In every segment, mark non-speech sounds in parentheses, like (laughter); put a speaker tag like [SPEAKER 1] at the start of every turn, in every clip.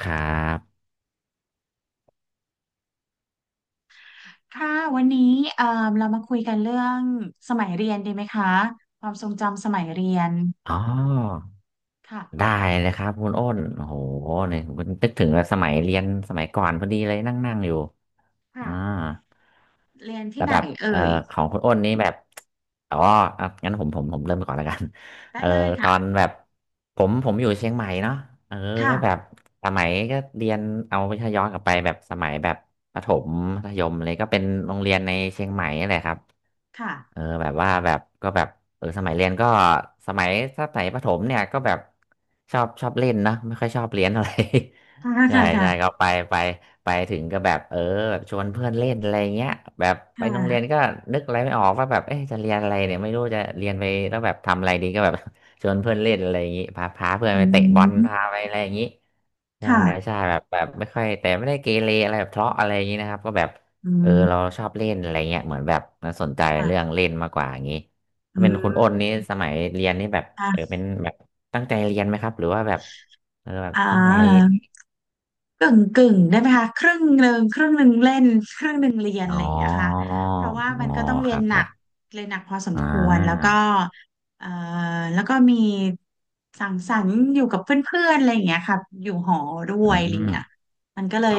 [SPEAKER 1] ครับ
[SPEAKER 2] ค่ะวันนี้เอ่อเรามาคุยกันเรื่องสมัยเรียนดีไหมคะความทรงจำสมัยเรียน
[SPEAKER 1] อ๋อ
[SPEAKER 2] ค่ะ
[SPEAKER 1] ได้เลยครับคุณอ้นโอ้โหเนี่ยผมนึกถึงสมัยเรียนสมัยก่อนพอดีเลยนั่งนั่งอยู่อ่า
[SPEAKER 2] ค่ะเรียนที่
[SPEAKER 1] แล้ว
[SPEAKER 2] ไหน
[SPEAKER 1] แบบ
[SPEAKER 2] เอ่ย
[SPEAKER 1] ของคุณอ้นนี่แบบอ๋ออ่ะงั้นผมเริ่มก่อนแล้วกัน (laughs)
[SPEAKER 2] ได้
[SPEAKER 1] เอ่อ
[SPEAKER 2] เลย
[SPEAKER 1] ตอน
[SPEAKER 2] ค่ะ
[SPEAKER 1] แบบผมอยู่เชียงใหม่เนาะเออ
[SPEAKER 2] ค่ะ
[SPEAKER 1] ก็แบบสมัยก็เรียนเอาไปถ้าย้อนกลับไปแบบสมัยแบบประถมมัธยมเลยก็เป็นโรงเรียนในเชียงใหม่นี่แหละครับ เออ
[SPEAKER 2] ค่ะ
[SPEAKER 1] แบบว่าแบบก็แบบเออสมัยเรียนก็สมัยถ้าสมัยประถมเนี่ยก็แบบชอบเล่นนะไม่ค่อยชอบเรียนอะไร
[SPEAKER 2] ค่ะ
[SPEAKER 1] (laughs) ใช่
[SPEAKER 2] ค่ะ
[SPEAKER 1] ใช่
[SPEAKER 2] ค่ะ
[SPEAKER 1] ก็ไปไปถึงก็แบบเออแบบชวนเพื่อนเล่นอะไรเงี้ยแบบ
[SPEAKER 2] ค
[SPEAKER 1] ไปโรงเรียน
[SPEAKER 2] ่ะ
[SPEAKER 1] ก็นึกอะไรไม่ออกว่าแบบเอ๊ะจะเรียนอะไรเนี่ยไม่รู้จะเรียนไปแล้วแบบทำอะไรดีก็แบบ (laughs) ชวนเพื่อนเล่นอะไรอย่างงี้พาเพื่อน
[SPEAKER 2] อื
[SPEAKER 1] ไปเตะบอล
[SPEAKER 2] ม
[SPEAKER 1] พาไปอะไรอย่างงี้ ใช่
[SPEAKER 2] ค่ะ
[SPEAKER 1] ใช่แบบไม่ค่อยแต่ไม่ได้เกเรอะไรแบบทะเลาะอะไรอย่างนี้นะครับก็แบบ
[SPEAKER 2] อื
[SPEAKER 1] เออเรา
[SPEAKER 2] ม
[SPEAKER 1] ชอบเล่นอะไรเงี้ยเหมือนแบบมันสนใจเรื่อง
[SPEAKER 2] ค่ะ
[SPEAKER 1] เล่นมากกว่าอย่างนี้
[SPEAKER 2] อื
[SPEAKER 1] ถ้าเป็นคุณอ้น
[SPEAKER 2] ม
[SPEAKER 1] นี่สมัยเรียนนี่แบบเออ
[SPEAKER 2] ค่ะ
[SPEAKER 1] เป็นแบบตั้งใจเรียนไหมครับหรือว่าแบบเออแบบ
[SPEAKER 2] อ่
[SPEAKER 1] ทั่วไป
[SPEAKER 2] า กึ่งกึ่งได้ไหมคะครึ่งหนึ่งครึ่งหนึ่งเล่นครึ่งหนึ่งเรียนอะ
[SPEAKER 1] อ๋
[SPEAKER 2] ไร
[SPEAKER 1] อ
[SPEAKER 2] อย่างเงี้ยค่ะ
[SPEAKER 1] อ๋อ
[SPEAKER 2] เพราะว่ามันก็ต้องเรี
[SPEAKER 1] ค
[SPEAKER 2] ยน
[SPEAKER 1] รับ
[SPEAKER 2] ห
[SPEAKER 1] ค
[SPEAKER 2] นั
[SPEAKER 1] รั
[SPEAKER 2] ก
[SPEAKER 1] บ
[SPEAKER 2] เรียนหนักพอสม
[SPEAKER 1] อ่
[SPEAKER 2] ควรแล้วก็
[SPEAKER 1] า
[SPEAKER 2] เอ่อแล้วก็มีสังสรรค์อยู่กับเพื่อนๆอะไรอย่างเงี้ยค่ะอยู่หอด้
[SPEAKER 1] อื
[SPEAKER 2] วยอะไรอย่าง
[SPEAKER 1] ม
[SPEAKER 2] เงี้ยมันก็เล
[SPEAKER 1] อ๋อ
[SPEAKER 2] ย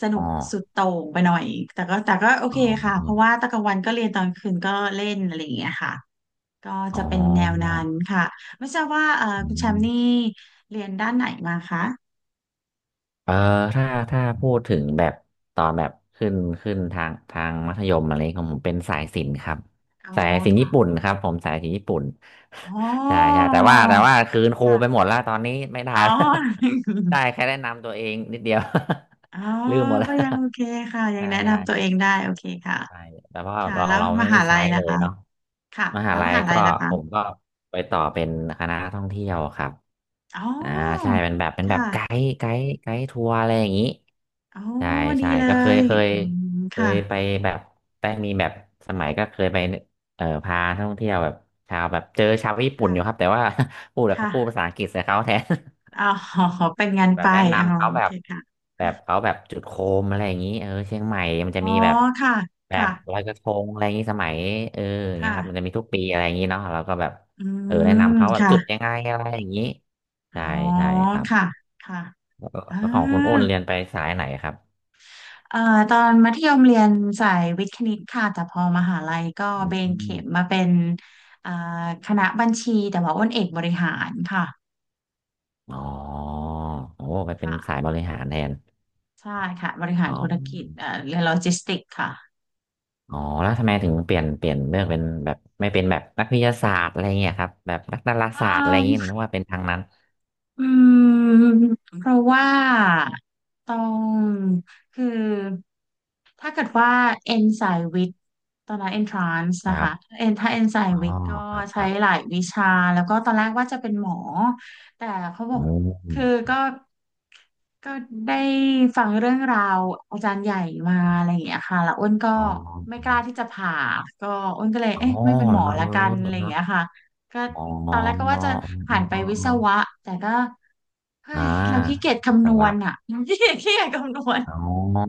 [SPEAKER 2] สนุ
[SPEAKER 1] อ๋อ
[SPEAKER 2] กสุดโต่งไปหน่อยแต่ก็โอ
[SPEAKER 1] อ๋
[SPEAKER 2] เคค่ะเพราะ
[SPEAKER 1] อ
[SPEAKER 2] ว่าตอนกลางวันก็เรียนตอนคืนก็เล่นอะไรอย่างเงี้ยค่ะก็
[SPEAKER 1] อ๋
[SPEAKER 2] จะ
[SPEAKER 1] อ
[SPEAKER 2] เป็นแนวนั้นค่ะไม่ทราบว่า
[SPEAKER 1] อื
[SPEAKER 2] คุณแชม
[SPEAKER 1] ม
[SPEAKER 2] ป์นี่เรียนด้านไหนมาคะ
[SPEAKER 1] เออถ้าถ้าพูดถึงแบบตอนแบบขึ้นทางมัธยมอะไรของผมเป็นสายศิลป์ครับ
[SPEAKER 2] อ๋อ
[SPEAKER 1] สายศิลป์ญี่ปุ่นครับผมสายศิลป์ญี่ปุ่น
[SPEAKER 2] อ๋อ
[SPEAKER 1] (laughs) ใช่ใช่แต่ว่าคืนครูไป
[SPEAKER 2] ค่ะ
[SPEAKER 1] หมดแล้วตอนนี้ไม่ได้
[SPEAKER 2] อ๋
[SPEAKER 1] แล้ว
[SPEAKER 2] อ
[SPEAKER 1] (laughs) ได้แค่แนะนำตัวเองนิดเดียว
[SPEAKER 2] อ๋อ
[SPEAKER 1] (laughs) ลืมหมดแล้ว
[SPEAKER 2] ก็ยังโอเคค่ะ
[SPEAKER 1] (laughs)
[SPEAKER 2] ยัง
[SPEAKER 1] ใช่
[SPEAKER 2] แนะนำตัวเอ
[SPEAKER 1] ใช่
[SPEAKER 2] งได้โอเคค่ะ
[SPEAKER 1] ใช่แต่ว่า
[SPEAKER 2] ค่ะ
[SPEAKER 1] เรา
[SPEAKER 2] แล้ว
[SPEAKER 1] เรา
[SPEAKER 2] ม
[SPEAKER 1] ไม่ได้
[SPEAKER 2] หาลั
[SPEAKER 1] ใช้
[SPEAKER 2] ย
[SPEAKER 1] เล
[SPEAKER 2] ล่ะ
[SPEAKER 1] ย
[SPEAKER 2] คะ
[SPEAKER 1] เนาะ
[SPEAKER 2] ค่ะ
[SPEAKER 1] มหา
[SPEAKER 2] แล้วม
[SPEAKER 1] ลัย
[SPEAKER 2] หาลั
[SPEAKER 1] ก็
[SPEAKER 2] ยล่ะคะ
[SPEAKER 1] ผมก็ไปต่อเป็นคณะท่องเที่ยวครับ
[SPEAKER 2] อ๋
[SPEAKER 1] อ่า
[SPEAKER 2] อ
[SPEAKER 1] ใช่เป็นแบบเป็นแบบ
[SPEAKER 2] ค่ะ
[SPEAKER 1] ไกด์ทัวร์อะไรอย่างนี้
[SPEAKER 2] อ๋อ
[SPEAKER 1] ใช่
[SPEAKER 2] ดี
[SPEAKER 1] ใช่
[SPEAKER 2] เล
[SPEAKER 1] ก็
[SPEAKER 2] ยอืม
[SPEAKER 1] เค
[SPEAKER 2] ค่ะ
[SPEAKER 1] ยไปแบบได้มีแบบสมัยก็เคยไปพาท่องเที่ยวแบบชาวแบบเจอชาวญี่ปุ่น
[SPEAKER 2] ค่ะ
[SPEAKER 1] อยู่ครับแต่ว่า (laughs) พูดแล้วเขาพูด
[SPEAKER 2] ค่ะ
[SPEAKER 1] ภาษาอังกฤษใส่เขาแทน
[SPEAKER 2] อ๋อเป็นงาน
[SPEAKER 1] (laughs) แบ
[SPEAKER 2] ไป
[SPEAKER 1] บแนะ
[SPEAKER 2] อ๋อ
[SPEAKER 1] นำเขา
[SPEAKER 2] โอ
[SPEAKER 1] แบ
[SPEAKER 2] เค
[SPEAKER 1] บ
[SPEAKER 2] ค่ะ
[SPEAKER 1] แบบเขาแบบจุดโคมอะไรอย่างนี้เออเชียงใหม่มันจะ
[SPEAKER 2] อ๋อ
[SPEAKER 1] มีแบบ
[SPEAKER 2] ค่ะ
[SPEAKER 1] แบบล
[SPEAKER 2] ค่ะ
[SPEAKER 1] อยกระทงอะไรอย่างนี้สมัยเอออย่างเงี้ยครับมันจะ
[SPEAKER 2] ค่ะ
[SPEAKER 1] มีทุกปีอะไรอย่างนี้เนาะเราก็แบบ
[SPEAKER 2] อื
[SPEAKER 1] เออแนะ
[SPEAKER 2] ม
[SPEAKER 1] นำเขาแบบจุดยั
[SPEAKER 2] ค่ะ
[SPEAKER 1] งไงอะไรอย่างนี้
[SPEAKER 2] อ๋อ
[SPEAKER 1] ใช่ใช่ครับ
[SPEAKER 2] ค่ะค่ะ
[SPEAKER 1] เออ
[SPEAKER 2] อ่า
[SPEAKER 1] แล้วของคุณโอนเรียนไปสายไหนครับ
[SPEAKER 2] เอ่อตอนมัธยมเรียนสายวิทย์คณิตค่ะแต่พอมหาลัยก็
[SPEAKER 1] อ
[SPEAKER 2] เบ
[SPEAKER 1] ื
[SPEAKER 2] นเข็
[SPEAKER 1] ม
[SPEAKER 2] มมาเป็นเอ่อคณะบัญชีแต่ว่าอ้นเอกบริหารค่ะ
[SPEAKER 1] อ๋อโอ้ไปเป็นสา
[SPEAKER 2] ค่ะ
[SPEAKER 1] ยบริหารแทน
[SPEAKER 2] ใช่ค่ะบริหา
[SPEAKER 1] อ๋
[SPEAKER 2] ร
[SPEAKER 1] อ
[SPEAKER 2] ธุรกิจเรียนโลจิสติกส์ค่ะ
[SPEAKER 1] อ๋อแล้วทำไมถึงเปลี่ยนเลือกเป็นแบบไม่เป็นแบบนักวิทยาศาสตร์อะไรเงี้ยครับแบบนักดารา
[SPEAKER 2] เอ่
[SPEAKER 1] ศาสตร์อะไรเงี้ย
[SPEAKER 2] อ
[SPEAKER 1] นึกว่าเป็นทางนั้น
[SPEAKER 2] อืมเพราะว่าต้องคือถ้าเกิดว่าเอนสายวิทย์ตอนนั้น entrance
[SPEAKER 1] ค
[SPEAKER 2] นะ
[SPEAKER 1] รั
[SPEAKER 2] คะ
[SPEAKER 1] บ
[SPEAKER 2] เอนถ้าเอนสาย
[SPEAKER 1] อ๋อ
[SPEAKER 2] วิทย์ก็
[SPEAKER 1] ครับค
[SPEAKER 2] ใช้
[SPEAKER 1] รับ
[SPEAKER 2] หลายวิชาแล้วก็ตอนแรกว่าจะเป็นหมอแต่เขาบอก
[SPEAKER 1] อื
[SPEAKER 2] คือ
[SPEAKER 1] ม
[SPEAKER 2] ก็ได้ฟังเรื่องราวอาจารย์ใหญ่มาอะไรอย่างเงี้ยค่ะแล้วอ้นก็
[SPEAKER 1] อ๋อ
[SPEAKER 2] ไม่กล้าที่จะผ่าก็อ้นก็เลย
[SPEAKER 1] อ๋อ
[SPEAKER 2] เอ๊ะไม่เป็นหมอ
[SPEAKER 1] แล้ว
[SPEAKER 2] ละ
[SPEAKER 1] เอ
[SPEAKER 2] กันอะไร
[SPEAKER 1] อ
[SPEAKER 2] อย่าง
[SPEAKER 1] เนาะ
[SPEAKER 2] เงี้ยค่ะ ก็
[SPEAKER 1] อ๋อ
[SPEAKER 2] ต
[SPEAKER 1] อ๋
[SPEAKER 2] อ
[SPEAKER 1] อ
[SPEAKER 2] นแรกก็
[SPEAKER 1] อ๋
[SPEAKER 2] ว่า
[SPEAKER 1] อ
[SPEAKER 2] จะหั
[SPEAKER 1] อ๋อ
[SPEAKER 2] นไปวิศ
[SPEAKER 1] อ๋อ
[SPEAKER 2] วะแต่ก็เฮ้
[SPEAKER 1] อ่า
[SPEAKER 2] ยเราขี้เกียจ
[SPEAKER 1] วิศ
[SPEAKER 2] คำนว
[SPEAKER 1] วะ
[SPEAKER 2] ณอ่ะ (laughs) ขี้เกียจขี้เกียจคำนวณ
[SPEAKER 1] อ๋อ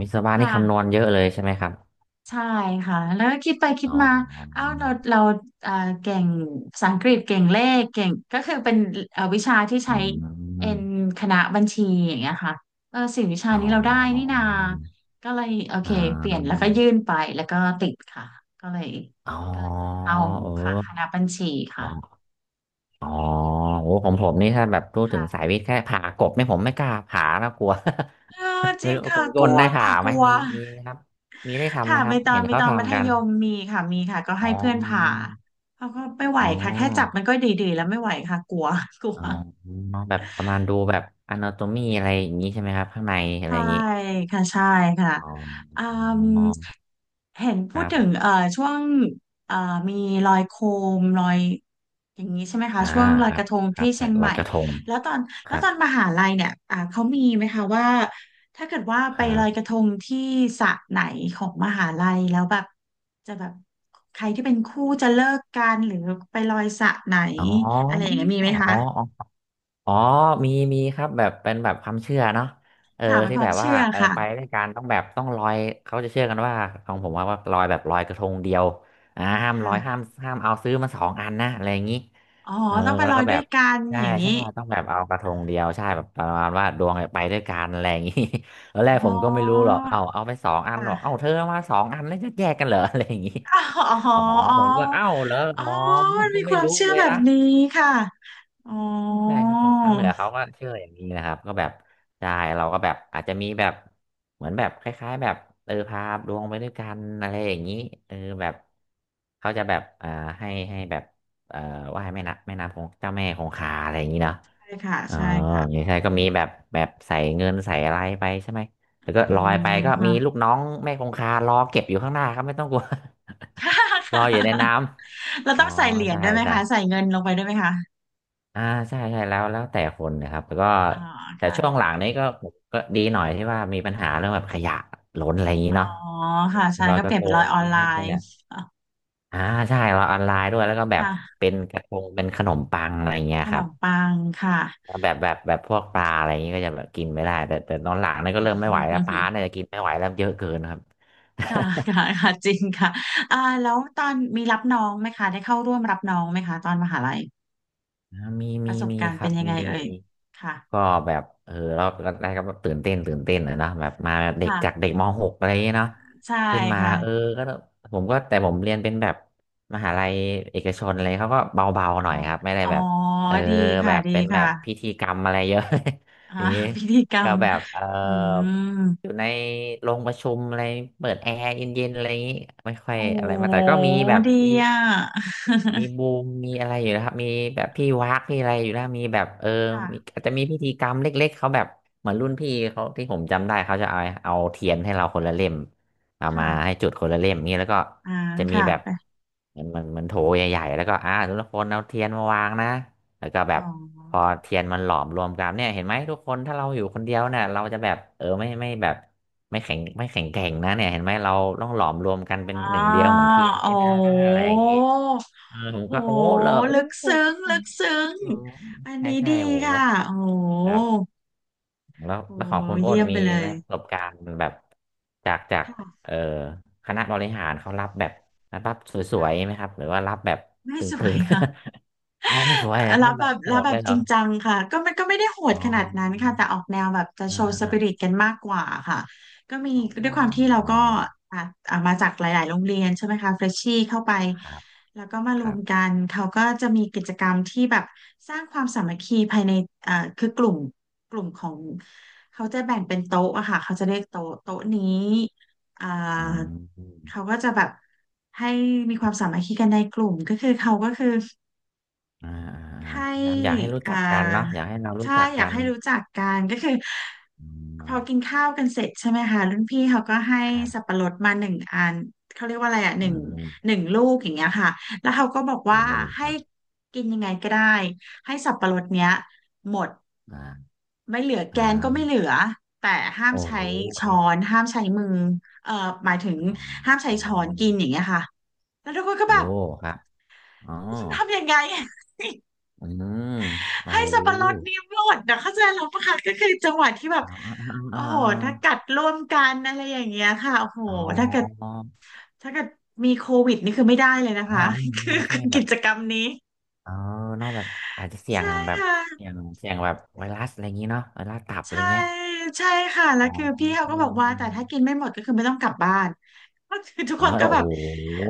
[SPEAKER 1] วิศ
[SPEAKER 2] ค
[SPEAKER 1] วะนี่คำนว
[SPEAKER 2] ่ะ
[SPEAKER 1] ณเยอะเลยใช่ไหมครับ
[SPEAKER 2] ใช่ค่ะแล้วก็คิดไปคิด
[SPEAKER 1] อ๋อ
[SPEAKER 2] มาเอ้าเราเอ่อเก่งภาษาอังกฤษเก่งเลขเก่งก็คือเป็นวิชาที่
[SPEAKER 1] อื
[SPEAKER 2] ใช้
[SPEAKER 1] มนอนน
[SPEAKER 2] เอ็นคณะบัญชีอย่างเงี้ยค่ะเออสี่วิชานี้
[SPEAKER 1] อ
[SPEAKER 2] เรา
[SPEAKER 1] นน
[SPEAKER 2] ได้
[SPEAKER 1] อน
[SPEAKER 2] นี่นา
[SPEAKER 1] นอน
[SPEAKER 2] ก็เลยโอเค
[SPEAKER 1] อ่
[SPEAKER 2] เปลี่ยนแล้ว
[SPEAKER 1] า
[SPEAKER 2] ก็ยื่นไปแล้วก็ติดค่ะก็เลย
[SPEAKER 1] อ๋
[SPEAKER 2] ก็เลย
[SPEAKER 1] อ
[SPEAKER 2] เข้า
[SPEAKER 1] เ
[SPEAKER 2] ค่ะคณะ
[SPEAKER 1] ออ
[SPEAKER 2] บัญชีค่ะ
[SPEAKER 1] อ๋ออ๋อโอ้ของผมนี่ถ้าแบบพูดถึงสายวิทย์แค่ผ่ากบเนี่ยผมไม่กล้าผ่าแล้วกลัว
[SPEAKER 2] เออ
[SPEAKER 1] (laughs)
[SPEAKER 2] จ
[SPEAKER 1] ไม่
[SPEAKER 2] ริง
[SPEAKER 1] รู้ค
[SPEAKER 2] ค่ะ
[SPEAKER 1] น
[SPEAKER 2] ก
[SPEAKER 1] ก้
[SPEAKER 2] ลั
[SPEAKER 1] น
[SPEAKER 2] ว
[SPEAKER 1] ได้ผ่า
[SPEAKER 2] ค่ะก
[SPEAKER 1] ไหม
[SPEAKER 2] ลัว
[SPEAKER 1] มีไหมครับมีได้ทำไห
[SPEAKER 2] ค่ะ
[SPEAKER 1] มค
[SPEAKER 2] ไป
[SPEAKER 1] รับ
[SPEAKER 2] ตอ
[SPEAKER 1] เห็
[SPEAKER 2] น
[SPEAKER 1] น
[SPEAKER 2] ไป
[SPEAKER 1] เขา
[SPEAKER 2] ตอนมัธ
[SPEAKER 1] ทำกัน
[SPEAKER 2] ยมมีค่ะมีค่ะก็
[SPEAKER 1] อ๋
[SPEAKER 2] ให้เพื่อนผ่า
[SPEAKER 1] อ
[SPEAKER 2] เขาก็ไม่ไหว
[SPEAKER 1] อ๋
[SPEAKER 2] ค่ะแค่จับ
[SPEAKER 1] อ
[SPEAKER 2] มันก็ดีๆแล้วไม่ไหวค่ะกลัว (laughs) กลัว
[SPEAKER 1] อ๋อแบบประมาณดูแบบ a n a t o มีอะไรอย่างนี้ใช่ไหมครับข้างในอะไร
[SPEAKER 2] ใช่
[SPEAKER 1] อย่างนี้
[SPEAKER 2] ค่ะใช่ค่ะ
[SPEAKER 1] อ๋อ
[SPEAKER 2] อืมเห็น
[SPEAKER 1] ค
[SPEAKER 2] พูด
[SPEAKER 1] รั
[SPEAKER 2] ถึง
[SPEAKER 1] บ
[SPEAKER 2] ช่วงเอ่อมีลอยโคมลอยอย่างนี้ใช่ไหมคะ
[SPEAKER 1] อ่า
[SPEAKER 2] ช่วงลอย
[SPEAKER 1] ครั
[SPEAKER 2] ก
[SPEAKER 1] บ
[SPEAKER 2] ระทง
[SPEAKER 1] ครั
[SPEAKER 2] ที่
[SPEAKER 1] บ
[SPEAKER 2] เชี
[SPEAKER 1] ใส่
[SPEAKER 2] ยง
[SPEAKER 1] ล
[SPEAKER 2] ให
[SPEAKER 1] อย
[SPEAKER 2] ม่
[SPEAKER 1] กระทง
[SPEAKER 2] แล้วตอน
[SPEAKER 1] ค
[SPEAKER 2] แล้ว
[SPEAKER 1] รั
[SPEAKER 2] ต
[SPEAKER 1] บ
[SPEAKER 2] อนมหาลัยเนี่ยเขามีไหมคะว่าถ้าเกิดว่า
[SPEAKER 1] ค
[SPEAKER 2] ไป
[SPEAKER 1] รั
[SPEAKER 2] ลอยก
[SPEAKER 1] บ
[SPEAKER 2] ระทงที่สระไหนของมหาลัยแล้วแบบจะแบบใครที่เป็นคู่จะเลิกกันหรือไปลอยสระไหน
[SPEAKER 1] อ๋อ
[SPEAKER 2] อะไรอย่างเงี้ยมีไหม
[SPEAKER 1] อ๋
[SPEAKER 2] คะ
[SPEAKER 1] ออ๋อมีมีครับแบบเป็นแบบความเชื่อเนาะเออ
[SPEAKER 2] ค่ะเป็น
[SPEAKER 1] ที่
[SPEAKER 2] ควา
[SPEAKER 1] แบ
[SPEAKER 2] ม
[SPEAKER 1] บว่า
[SPEAKER 2] เชื่อ
[SPEAKER 1] เออ
[SPEAKER 2] ค่ะ
[SPEAKER 1] ไปด้วยกันต้องแบบต้องลอยเขาจะเชื่อกันว่าของผมว่าว่าลอยแบบลอยกระทงเดียวอ่าห้ามลอย
[SPEAKER 2] ค่ะ
[SPEAKER 1] ห้ามเอาซื้อมาสองอันนะอะไรอย่างนี้
[SPEAKER 2] อ๋อ
[SPEAKER 1] เออ
[SPEAKER 2] ต้องไป
[SPEAKER 1] แล้
[SPEAKER 2] ล
[SPEAKER 1] ว
[SPEAKER 2] อย
[SPEAKER 1] ก็แบ
[SPEAKER 2] ด้วย
[SPEAKER 1] บ
[SPEAKER 2] กัน
[SPEAKER 1] ใช่
[SPEAKER 2] อย่าง
[SPEAKER 1] ใช่
[SPEAKER 2] นี้
[SPEAKER 1] ต้องแบบเอากระทงเดียวใช่แบบประมาณว่าดวงเนี่ยไปด้วยกันอะไรอย่างนี้ (laughs) ตอนแร
[SPEAKER 2] อ๋
[SPEAKER 1] กผ
[SPEAKER 2] อ
[SPEAKER 1] มก็ไม่รู้หรอกเอาไปสองอันหรอกเอา
[SPEAKER 2] ค่ะ
[SPEAKER 1] เธอเอามาสองอันแล้วจะแยกกันเหรอ (laughs) อะไรอย่างนี้
[SPEAKER 2] อ๋ออ๋อ
[SPEAKER 1] อ๋อ
[SPEAKER 2] อ๋อ
[SPEAKER 1] ผมก็เอ้าเหรอ
[SPEAKER 2] อ๋อ
[SPEAKER 1] อ๋อผ
[SPEAKER 2] มั
[SPEAKER 1] ม
[SPEAKER 2] น
[SPEAKER 1] ก็
[SPEAKER 2] มีค
[SPEAKER 1] ไม่
[SPEAKER 2] วาม
[SPEAKER 1] รู้
[SPEAKER 2] เชื่อ
[SPEAKER 1] เลย
[SPEAKER 2] แบบ
[SPEAKER 1] นะ
[SPEAKER 2] นี้ค่ะอ๋อ
[SPEAKER 1] ใช่ครับคนทางเหนือเขาก็เชื่ออย่างนี้นะครับก็แบบใช่เราก็แบบอาจจะมีแบบเหมือนแบบคล้ายๆแบบเออพาดวงไปด้วยกันอะไรอย่างนี้เออแบบเขาจะแบบอ่าให้แบบเอ่อไหว้แม่น้ำของเจ้าแม่คงคาอะไรอย่างนี้เนาะ
[SPEAKER 2] ใช่ค่ะ
[SPEAKER 1] อ๋อ
[SPEAKER 2] ใช่
[SPEAKER 1] อย่า
[SPEAKER 2] ค่ะ
[SPEAKER 1] งใช่ก็มีแบบแบบใส่เงินใส่อะไรไปใช่ไหมแล้วก็
[SPEAKER 2] อื
[SPEAKER 1] ลอยไป
[SPEAKER 2] ม
[SPEAKER 1] ก็มี
[SPEAKER 2] ค่ะ
[SPEAKER 1] ลูกน้องแม่คงคารอเก็บอยู่ข้างหน้าครับไม่ต้องกลัว
[SPEAKER 2] (laughs) ค่ะ
[SPEAKER 1] (laughs) ร
[SPEAKER 2] ค่
[SPEAKER 1] ออยู่ในน้
[SPEAKER 2] ะเรา
[SPEAKER 1] ำอ๋อ
[SPEAKER 2] ต้องใส่เหรียญ
[SPEAKER 1] ใช่
[SPEAKER 2] ได้วยไหมคะใส่
[SPEAKER 1] ใช่
[SPEAKER 2] เงินลงไปได้วยไหมคะ
[SPEAKER 1] อ่าใช่ใช่แล้วแต่คนนะครับแล้วก็
[SPEAKER 2] อ๋อ
[SPEAKER 1] แต่ช่วงห
[SPEAKER 2] ค่ะ
[SPEAKER 1] ลังนี้ก็ดีหน่อยที่ว่ามีปัญหาเรื่องแบบขยะล้นอะไรอย่างนี้
[SPEAKER 2] อ๋อ
[SPEAKER 1] เนาะ
[SPEAKER 2] ค่ะใช่
[SPEAKER 1] ลอย
[SPEAKER 2] ก็
[SPEAKER 1] ก
[SPEAKER 2] เป
[SPEAKER 1] ระ
[SPEAKER 2] ลี่ยน
[SPEAKER 1] ท
[SPEAKER 2] เป็น
[SPEAKER 1] ง
[SPEAKER 2] ร้อยออน
[SPEAKER 1] นี้
[SPEAKER 2] ไล
[SPEAKER 1] เรื่องข
[SPEAKER 2] น์
[SPEAKER 1] ยะอ่าใช่เราออนไลน์ด้วยแล้วก็แบบ
[SPEAKER 2] ค่ะ
[SPEAKER 1] เป็นกระทงเป็นขนมปังอะไรเงี้
[SPEAKER 2] ข
[SPEAKER 1] ยค
[SPEAKER 2] น
[SPEAKER 1] รับ
[SPEAKER 2] มปังค่ะ
[SPEAKER 1] แบบพวกปลาอะไรอย่างงี้ก็จะแบบกินไม่ได้แต่ตอนหลังนี่ก็เริ่มไม่ไหวแล้วปลา
[SPEAKER 2] (laughs)
[SPEAKER 1] เนี่ยกินไม่ไหวแล้วเยอะเกินครับ
[SPEAKER 2] ค่ะค่ะ
[SPEAKER 1] (laughs)
[SPEAKER 2] ค่ะจริงค่ะแล้วตอนมีรับน้องไหมคะได้เข้าร่วมรับน้องไหมคะตอนมหาลัย
[SPEAKER 1] มี
[SPEAKER 2] ป
[SPEAKER 1] มี
[SPEAKER 2] ระสบ
[SPEAKER 1] มี
[SPEAKER 2] การณ์
[SPEAKER 1] ครั
[SPEAKER 2] เป็น
[SPEAKER 1] บ
[SPEAKER 2] ยังไง
[SPEAKER 1] มี
[SPEAKER 2] เอ่
[SPEAKER 1] มี
[SPEAKER 2] ย ค่ะ
[SPEAKER 1] ก็แบบเราแรกๆก็แบบตื่นเต้นตื่นเต้นนะเนอะแบบมาเด็กจาก
[SPEAKER 2] ค่ะ
[SPEAKER 1] เด็กมหกอะไรอย่างเงี้ยเนาะ
[SPEAKER 2] ใช่
[SPEAKER 1] ขึ้นมา
[SPEAKER 2] ค่ะ
[SPEAKER 1] เออก็ผมก็แต่ผมเรียนเป็นแบบมหาลัยเอกชนอะไรเขาก็เบาๆ
[SPEAKER 2] อ๋อ
[SPEAKER 1] หน่อยครับไม่ได้
[SPEAKER 2] อ๋อ
[SPEAKER 1] แบบเออ
[SPEAKER 2] ดี
[SPEAKER 1] แบ
[SPEAKER 2] ค่ะ
[SPEAKER 1] บ
[SPEAKER 2] ดี
[SPEAKER 1] เป็นแบ
[SPEAKER 2] ค่ะ
[SPEAKER 1] บพิธีกรรมอะไรเยอะ
[SPEAKER 2] อ่า
[SPEAKER 1] (laughs) อย่างงี้
[SPEAKER 2] (laughs) พิธีกร
[SPEAKER 1] ก็
[SPEAKER 2] รม
[SPEAKER 1] แบบเออ
[SPEAKER 2] อืม
[SPEAKER 1] อยู่ในโรงประชุมอะไรเปิดแอร์เย็นๆอะไรอย่างงี้ไม่ค่อย
[SPEAKER 2] โอ้
[SPEAKER 1] อะไรมาแต่ก็มีแบบ
[SPEAKER 2] ดี
[SPEAKER 1] มี
[SPEAKER 2] อ่ะ
[SPEAKER 1] มีบูมมีอะไรอยู่นะครับมีแบบพี่วักพี่อะไรอยู่แล้วมีแบบเออมี
[SPEAKER 2] ค่ะ
[SPEAKER 1] อาจจะมีพิธีกรรมเล็กๆเขาแบบเหมือนรุ่นพี่เขาที่ผมจำได้เขาจะเอาเทียนให้เราคนละเล่มเอามาให้
[SPEAKER 2] ค่ะ
[SPEAKER 1] จุดคนละเล่มนี่แล้วก็
[SPEAKER 2] อ่า
[SPEAKER 1] จะมี
[SPEAKER 2] ค่ะ
[SPEAKER 1] แบบ
[SPEAKER 2] ไป
[SPEAKER 1] เหมือนโถใหญ่ๆแล้วก็ทุกคนเอาเทียนมาวางนะแล้วก็แบ
[SPEAKER 2] สอ
[SPEAKER 1] บพ
[SPEAKER 2] ง
[SPEAKER 1] อ
[SPEAKER 2] ค่ะ
[SPEAKER 1] เทียนมันหลอมรวมกันเนี่ยเห็นไหมทุกคนถ้าเราอยู่คนเดียวเนี่ยเราจะแบบเออไม่แบบไม่แข็งแกร่งนะเนี่ยเห็นไหมเราต้องหลอมรวมกันเป็น
[SPEAKER 2] อ๋อ
[SPEAKER 1] หนึ่งเดียวเหมือนเทียน
[SPEAKER 2] โอ้
[SPEAKER 1] นี่นะอะไรอย่างนี้ เออผม
[SPEAKER 2] โห
[SPEAKER 1] ก็โอ้เหรอโอ้
[SPEAKER 2] ลึก
[SPEAKER 1] โห
[SPEAKER 2] ซึ้ง ลึกซึ้ง
[SPEAKER 1] เออ
[SPEAKER 2] อัน
[SPEAKER 1] ใช่
[SPEAKER 2] นี้
[SPEAKER 1] ใช่
[SPEAKER 2] ดี
[SPEAKER 1] โอ้โห
[SPEAKER 2] ค่ะโอ้โ
[SPEAKER 1] ครั
[SPEAKER 2] ห
[SPEAKER 1] บแล้ว
[SPEAKER 2] โอ้
[SPEAKER 1] แล้วข
[SPEAKER 2] โห
[SPEAKER 1] องคุณอ้
[SPEAKER 2] เยี่
[SPEAKER 1] น
[SPEAKER 2] ยม
[SPEAKER 1] มี
[SPEAKER 2] ไปเล
[SPEAKER 1] ไห
[SPEAKER 2] ย
[SPEAKER 1] มประสบการณ์แบบจากจาก
[SPEAKER 2] ค่ะ
[SPEAKER 1] เอ่อคณะบริหารเขารับแบบรับสวยๆไห
[SPEAKER 2] ค่ะ
[SPEAKER 1] มครับหรือว่ารับแบบ
[SPEAKER 2] ไม่
[SPEAKER 1] ตึ
[SPEAKER 2] สวย
[SPEAKER 1] ง
[SPEAKER 2] ค่ะ
[SPEAKER 1] ๆ (laughs) อ๋อไม่สวยแล้วค
[SPEAKER 2] รั
[SPEAKER 1] รับ
[SPEAKER 2] บ
[SPEAKER 1] แบ
[SPEAKER 2] แบ
[SPEAKER 1] บ
[SPEAKER 2] บ
[SPEAKER 1] โห
[SPEAKER 2] รับ
[SPEAKER 1] ด
[SPEAKER 2] แบ
[SPEAKER 1] เล
[SPEAKER 2] บ
[SPEAKER 1] ยเห
[SPEAKER 2] จ
[SPEAKER 1] รอ
[SPEAKER 2] ริงจังค่ะก็มันก็ไม่ได้โห
[SPEAKER 1] อ๋
[SPEAKER 2] ดขนาดนั้น
[SPEAKER 1] อ
[SPEAKER 2] ค่ะแต่ออกแนวแบบจะ
[SPEAKER 1] อ่า
[SPEAKER 2] โชว์ส
[SPEAKER 1] อ่า
[SPEAKER 2] ปิริตกันมากกว่าค่ะก็มี
[SPEAKER 1] อ๋อ
[SPEAKER 2] ด้วยความที่เรา
[SPEAKER 1] อ๋อ
[SPEAKER 2] ก็อ่ะอ่ะมาจากหลายๆโรงเรียนใช่ไหมคะเฟรชชี่เข้าไป
[SPEAKER 1] ครับ
[SPEAKER 2] แล้วก็มาร
[SPEAKER 1] ค
[SPEAKER 2] ว
[SPEAKER 1] รั
[SPEAKER 2] มกั
[SPEAKER 1] บ
[SPEAKER 2] นเขาก็จะมีกิจกรรมที่แบบสร้างความสามัคคีภายในคือกลุ่มของเขาจะแบ่งเป็นโต๊ะอะค่ะเขาจะเรียกโต๊ะโต๊ะนี้อ่า
[SPEAKER 1] อืม
[SPEAKER 2] เขาก็จะแบบให้มีความสามัคคีกันในกลุ่มก็คือเขาก็คือ
[SPEAKER 1] อ่าอ่า
[SPEAKER 2] ให้
[SPEAKER 1] พยายามอยากให้รู้
[SPEAKER 2] อ่า
[SPEAKER 1] จักกันเนาะอยากให้เรารู้
[SPEAKER 2] ใช่
[SPEAKER 1] จัก
[SPEAKER 2] อยา
[SPEAKER 1] กั
[SPEAKER 2] ก
[SPEAKER 1] น
[SPEAKER 2] ให้รู้จักกันก็คือ
[SPEAKER 1] อื
[SPEAKER 2] พอกิน
[SPEAKER 1] ม
[SPEAKER 2] ข้าวกันเสร็จใช่ไหมคะรุ่นพี่เขาก็ให้
[SPEAKER 1] ครั
[SPEAKER 2] สับ
[SPEAKER 1] บ
[SPEAKER 2] ปะรดมาหนึ่งอันเขาเรียกว่าอะไรอ่ะห
[SPEAKER 1] อื
[SPEAKER 2] นึ่งห
[SPEAKER 1] ม
[SPEAKER 2] นึ่งลูกอย่างเงี้ยค่ะแล้วเขาก็บอกว่า
[SPEAKER 1] โอ้ค
[SPEAKER 2] ให้
[SPEAKER 1] รับ
[SPEAKER 2] กินยังไงก็ได้ให้สับปะรดเนี้ยหมด
[SPEAKER 1] อ่า
[SPEAKER 2] ไม่เหลือแก
[SPEAKER 1] อ่
[SPEAKER 2] นก็ไม่
[SPEAKER 1] า
[SPEAKER 2] เหลือแต่ห้าม
[SPEAKER 1] โอ้
[SPEAKER 2] ใช้
[SPEAKER 1] โหค
[SPEAKER 2] ช้อ
[SPEAKER 1] รับ
[SPEAKER 2] นห้ามใช้มือเอ่อหมายถึง
[SPEAKER 1] อ๋อ
[SPEAKER 2] ห้ามใช้ช้อนกินอย่างเงี้ยค่ะแล้วทุกคนก็
[SPEAKER 1] โอ้
[SPEAKER 2] แบบ
[SPEAKER 1] ครับอ๋อ
[SPEAKER 2] ฉันทำยังไง
[SPEAKER 1] อืมโอ้
[SPEAKER 2] ให้
[SPEAKER 1] โห
[SPEAKER 2] สับปะรดนี้หมดนะเข้าใจเราปะคะก็คือจังหวะที่แบบ
[SPEAKER 1] อ๋อ
[SPEAKER 2] โอ้
[SPEAKER 1] อ๋
[SPEAKER 2] โหถ้า
[SPEAKER 1] อ
[SPEAKER 2] กัดร่วมกันอะไรอย่างเงี้ยค่ะโอ้โห
[SPEAKER 1] อ๋อ
[SPEAKER 2] ถ้า
[SPEAKER 1] อ๋อ
[SPEAKER 2] เกิด
[SPEAKER 1] อ๋อ
[SPEAKER 2] ถ้าเกิดมีโควิดนี่คือไม่ได้เลยนะ
[SPEAKER 1] อ๋อ
[SPEAKER 2] คะคือ
[SPEAKER 1] ใช่
[SPEAKER 2] คือ
[SPEAKER 1] แบ
[SPEAKER 2] กิ
[SPEAKER 1] บ
[SPEAKER 2] จกรรมนี้
[SPEAKER 1] เออเนอกแบบอาจจะเสี่ย
[SPEAKER 2] ใช่
[SPEAKER 1] งแบ
[SPEAKER 2] ค
[SPEAKER 1] บเสี่ย
[SPEAKER 2] ่ะ
[SPEAKER 1] งเสี่ยงแบบไวรัสอะไรอย่างงี้เนาะไวรัสตับอะไร
[SPEAKER 2] ใช่
[SPEAKER 1] เงี้ย
[SPEAKER 2] ใช่ค่ะ
[SPEAKER 1] อ๋
[SPEAKER 2] แล้
[SPEAKER 1] อ
[SPEAKER 2] วคือพี่เขา
[SPEAKER 1] เอ
[SPEAKER 2] ก็บอก
[SPEAKER 1] ม
[SPEAKER 2] ว่า
[SPEAKER 1] อ
[SPEAKER 2] แต่
[SPEAKER 1] ม
[SPEAKER 2] ถ้ากินไม่หมดก็คือไม่ต้องกลับบ้านก็คือทุก
[SPEAKER 1] เออ
[SPEAKER 2] คนก็แบ
[SPEAKER 1] โอ้
[SPEAKER 2] บ
[SPEAKER 1] โห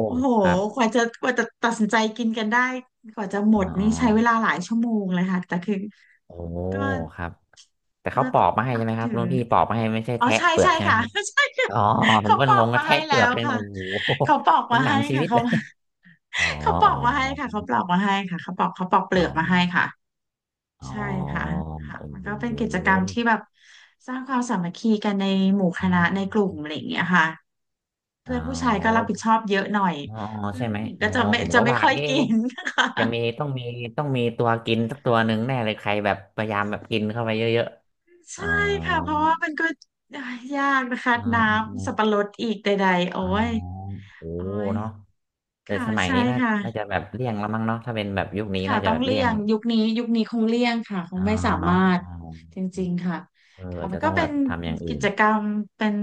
[SPEAKER 2] โอ้โห
[SPEAKER 1] ครั
[SPEAKER 2] ก
[SPEAKER 1] บ
[SPEAKER 2] ว่าจะกว่าจะตัดสินใจกินกันได้กว่าจะหมด
[SPEAKER 1] อ๋อ
[SPEAKER 2] นี่ใช้เวลาหลายชั่วโมงเลยค่ะแต่คือ
[SPEAKER 1] โอ้
[SPEAKER 2] ก็
[SPEAKER 1] ครับแต่
[SPEAKER 2] ก็
[SPEAKER 1] เขาป
[SPEAKER 2] ต้
[SPEAKER 1] อ
[SPEAKER 2] อง
[SPEAKER 1] กมาให้
[SPEAKER 2] นั
[SPEAKER 1] ใช่
[SPEAKER 2] บ
[SPEAKER 1] ไหมครั
[SPEAKER 2] ถื
[SPEAKER 1] บ
[SPEAKER 2] อ
[SPEAKER 1] รุ่นพี่ปอกมาให้ไม่ใช่
[SPEAKER 2] อ๋อ
[SPEAKER 1] แทะ
[SPEAKER 2] ใช่
[SPEAKER 1] เปลือ
[SPEAKER 2] ใช่
[SPEAKER 1] กใช่ไหม
[SPEAKER 2] ค่ะ
[SPEAKER 1] ครับ
[SPEAKER 2] (laughs) ใช่ค่ะ
[SPEAKER 1] อ๋อผม
[SPEAKER 2] เขา
[SPEAKER 1] ก็
[SPEAKER 2] ปอ
[SPEAKER 1] ง
[SPEAKER 2] ก
[SPEAKER 1] งก
[SPEAKER 2] มา
[SPEAKER 1] ระแท
[SPEAKER 2] ให้
[SPEAKER 1] กเป
[SPEAKER 2] แล้
[SPEAKER 1] ลือก
[SPEAKER 2] ว
[SPEAKER 1] เลยนะ
[SPEAKER 2] ค่ะ
[SPEAKER 1] โอ้โห
[SPEAKER 2] เขาปอก
[SPEAKER 1] เป็
[SPEAKER 2] มา
[SPEAKER 1] นหนั
[SPEAKER 2] ให้
[SPEAKER 1] งชี
[SPEAKER 2] ค่ะ
[SPEAKER 1] วิต
[SPEAKER 2] เขา
[SPEAKER 1] เลยอ๋อ
[SPEAKER 2] เขาปอกมาให้ค่ะเขาปลอกมาให้ค่ะเขาปอกเป
[SPEAKER 1] อ๋อ
[SPEAKER 2] ลือกมาให้ค่ะ
[SPEAKER 1] อ๋ออ๋
[SPEAKER 2] ใช่
[SPEAKER 1] อโ
[SPEAKER 2] ค่ะค่ะ
[SPEAKER 1] อ
[SPEAKER 2] มันก็เป็น
[SPEAKER 1] ้
[SPEAKER 2] กิจกร
[SPEAKER 1] โห
[SPEAKER 2] รมที่แบบสร้างความสามัคคีกันในหมู่คณะในกลุ่มอะไรอย่างเงี้ยค่ะ
[SPEAKER 1] อ๋อ
[SPEAKER 2] เพื่อนผู้ชายก็รั
[SPEAKER 1] แล้
[SPEAKER 2] บ
[SPEAKER 1] ว
[SPEAKER 2] ผิดชอบเยอะหน่อย
[SPEAKER 1] อ๋อ
[SPEAKER 2] เพื่อน
[SPEAKER 1] ใช่ไห
[SPEAKER 2] ผู้
[SPEAKER 1] ม
[SPEAKER 2] หญิง
[SPEAKER 1] อ๋
[SPEAKER 2] ก็
[SPEAKER 1] อ
[SPEAKER 2] จะไม่
[SPEAKER 1] ผม
[SPEAKER 2] จะ
[SPEAKER 1] ก็
[SPEAKER 2] ไม่
[SPEAKER 1] ว่า
[SPEAKER 2] ค่อยกิ
[SPEAKER 1] เอ๊ะ
[SPEAKER 2] น (laughs) ค่ะ
[SPEAKER 1] จะมีต้องมีต้องมีตัวกินสักตัวหนึ่งแน่เลยใครแบบพยายามแบบกินเข้าไปเยอะๆอ๋
[SPEAKER 2] ใช่
[SPEAKER 1] อ
[SPEAKER 2] ค่ะเพราะว่ามันก็ยากนะคะ
[SPEAKER 1] อ๋
[SPEAKER 2] น้ำสั
[SPEAKER 1] อ
[SPEAKER 2] บปะรดอีกใดๆโอ้
[SPEAKER 1] อ๋อ
[SPEAKER 2] ย
[SPEAKER 1] โอ้
[SPEAKER 2] โอ้ย
[SPEAKER 1] เนาะแต่
[SPEAKER 2] ค่ะ
[SPEAKER 1] สมัย
[SPEAKER 2] ใช่
[SPEAKER 1] นี้น่าน่าจะ
[SPEAKER 2] ค่ะ
[SPEAKER 1] แบบเลี่ยงแล้วมั้งเนาะถ้าเป็นแบบยุคนี้
[SPEAKER 2] ค่ะ
[SPEAKER 1] น่าจะ
[SPEAKER 2] ต้อง
[SPEAKER 1] แบบ
[SPEAKER 2] เลี่
[SPEAKER 1] เลี่ย
[SPEAKER 2] ย
[SPEAKER 1] ง
[SPEAKER 2] งยุคนี้ยุคนี้คงเลี่ยงค่ะคง
[SPEAKER 1] อ่า
[SPEAKER 2] ไม่สา
[SPEAKER 1] เนาะ
[SPEAKER 2] มารถ
[SPEAKER 1] อ๋อ
[SPEAKER 2] จริงๆค่ะ
[SPEAKER 1] เออ
[SPEAKER 2] ค่ะ
[SPEAKER 1] อาจ
[SPEAKER 2] มัน
[SPEAKER 1] จะ
[SPEAKER 2] ก็
[SPEAKER 1] ต้อง
[SPEAKER 2] เป็
[SPEAKER 1] แบ
[SPEAKER 2] น
[SPEAKER 1] บทำอย่างอื่
[SPEAKER 2] กิ
[SPEAKER 1] น
[SPEAKER 2] จกรรมเป็น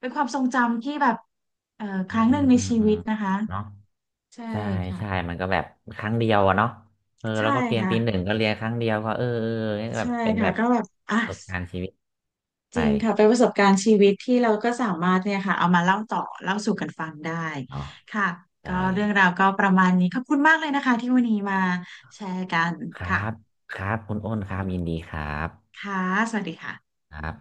[SPEAKER 2] เป็นความทรงจำที่แบบครั้ง
[SPEAKER 1] อื
[SPEAKER 2] หนึ่ง
[SPEAKER 1] ม
[SPEAKER 2] ใน
[SPEAKER 1] อืม
[SPEAKER 2] ชี
[SPEAKER 1] อื
[SPEAKER 2] วิ
[SPEAKER 1] ม
[SPEAKER 2] ตนะคะ
[SPEAKER 1] เนาะ
[SPEAKER 2] ใช่
[SPEAKER 1] ใช่
[SPEAKER 2] ค่ะ
[SPEAKER 1] ใช่มันก็แบบครั้งเดียวอะเนาะเออ
[SPEAKER 2] ใช่
[SPEAKER 1] แล้วก็เรียน
[SPEAKER 2] ค่ะ
[SPEAKER 1] ปีหนึ่งก็เรียนครั้งเดียวก็เออเออเนี่ยแบ
[SPEAKER 2] ใช่
[SPEAKER 1] บเป็น
[SPEAKER 2] ค่ะ
[SPEAKER 1] แบบ
[SPEAKER 2] ก็แบบอ่ะ
[SPEAKER 1] ประสบการณ์ชีวิต
[SPEAKER 2] จ
[SPEAKER 1] ไป
[SPEAKER 2] ริงค่ะเป็นประสบการณ์ชีวิตที่เราก็สามารถเนี่ยค่ะเอามาเล่าต่อเล่าสู่กันฟังได้
[SPEAKER 1] เนาะ
[SPEAKER 2] ค่ะ
[SPEAKER 1] ใช่
[SPEAKER 2] ก็เรื่องราวก็ประมาณนี้ขอบคุณมากเลยนะคะที่วันนี้มาแชร์กัน
[SPEAKER 1] ครับ
[SPEAKER 2] ค่ะ
[SPEAKER 1] ครับคุณอ้นครับยินดีครับ
[SPEAKER 2] ค่ะสวัสดีค่ะ
[SPEAKER 1] ครับ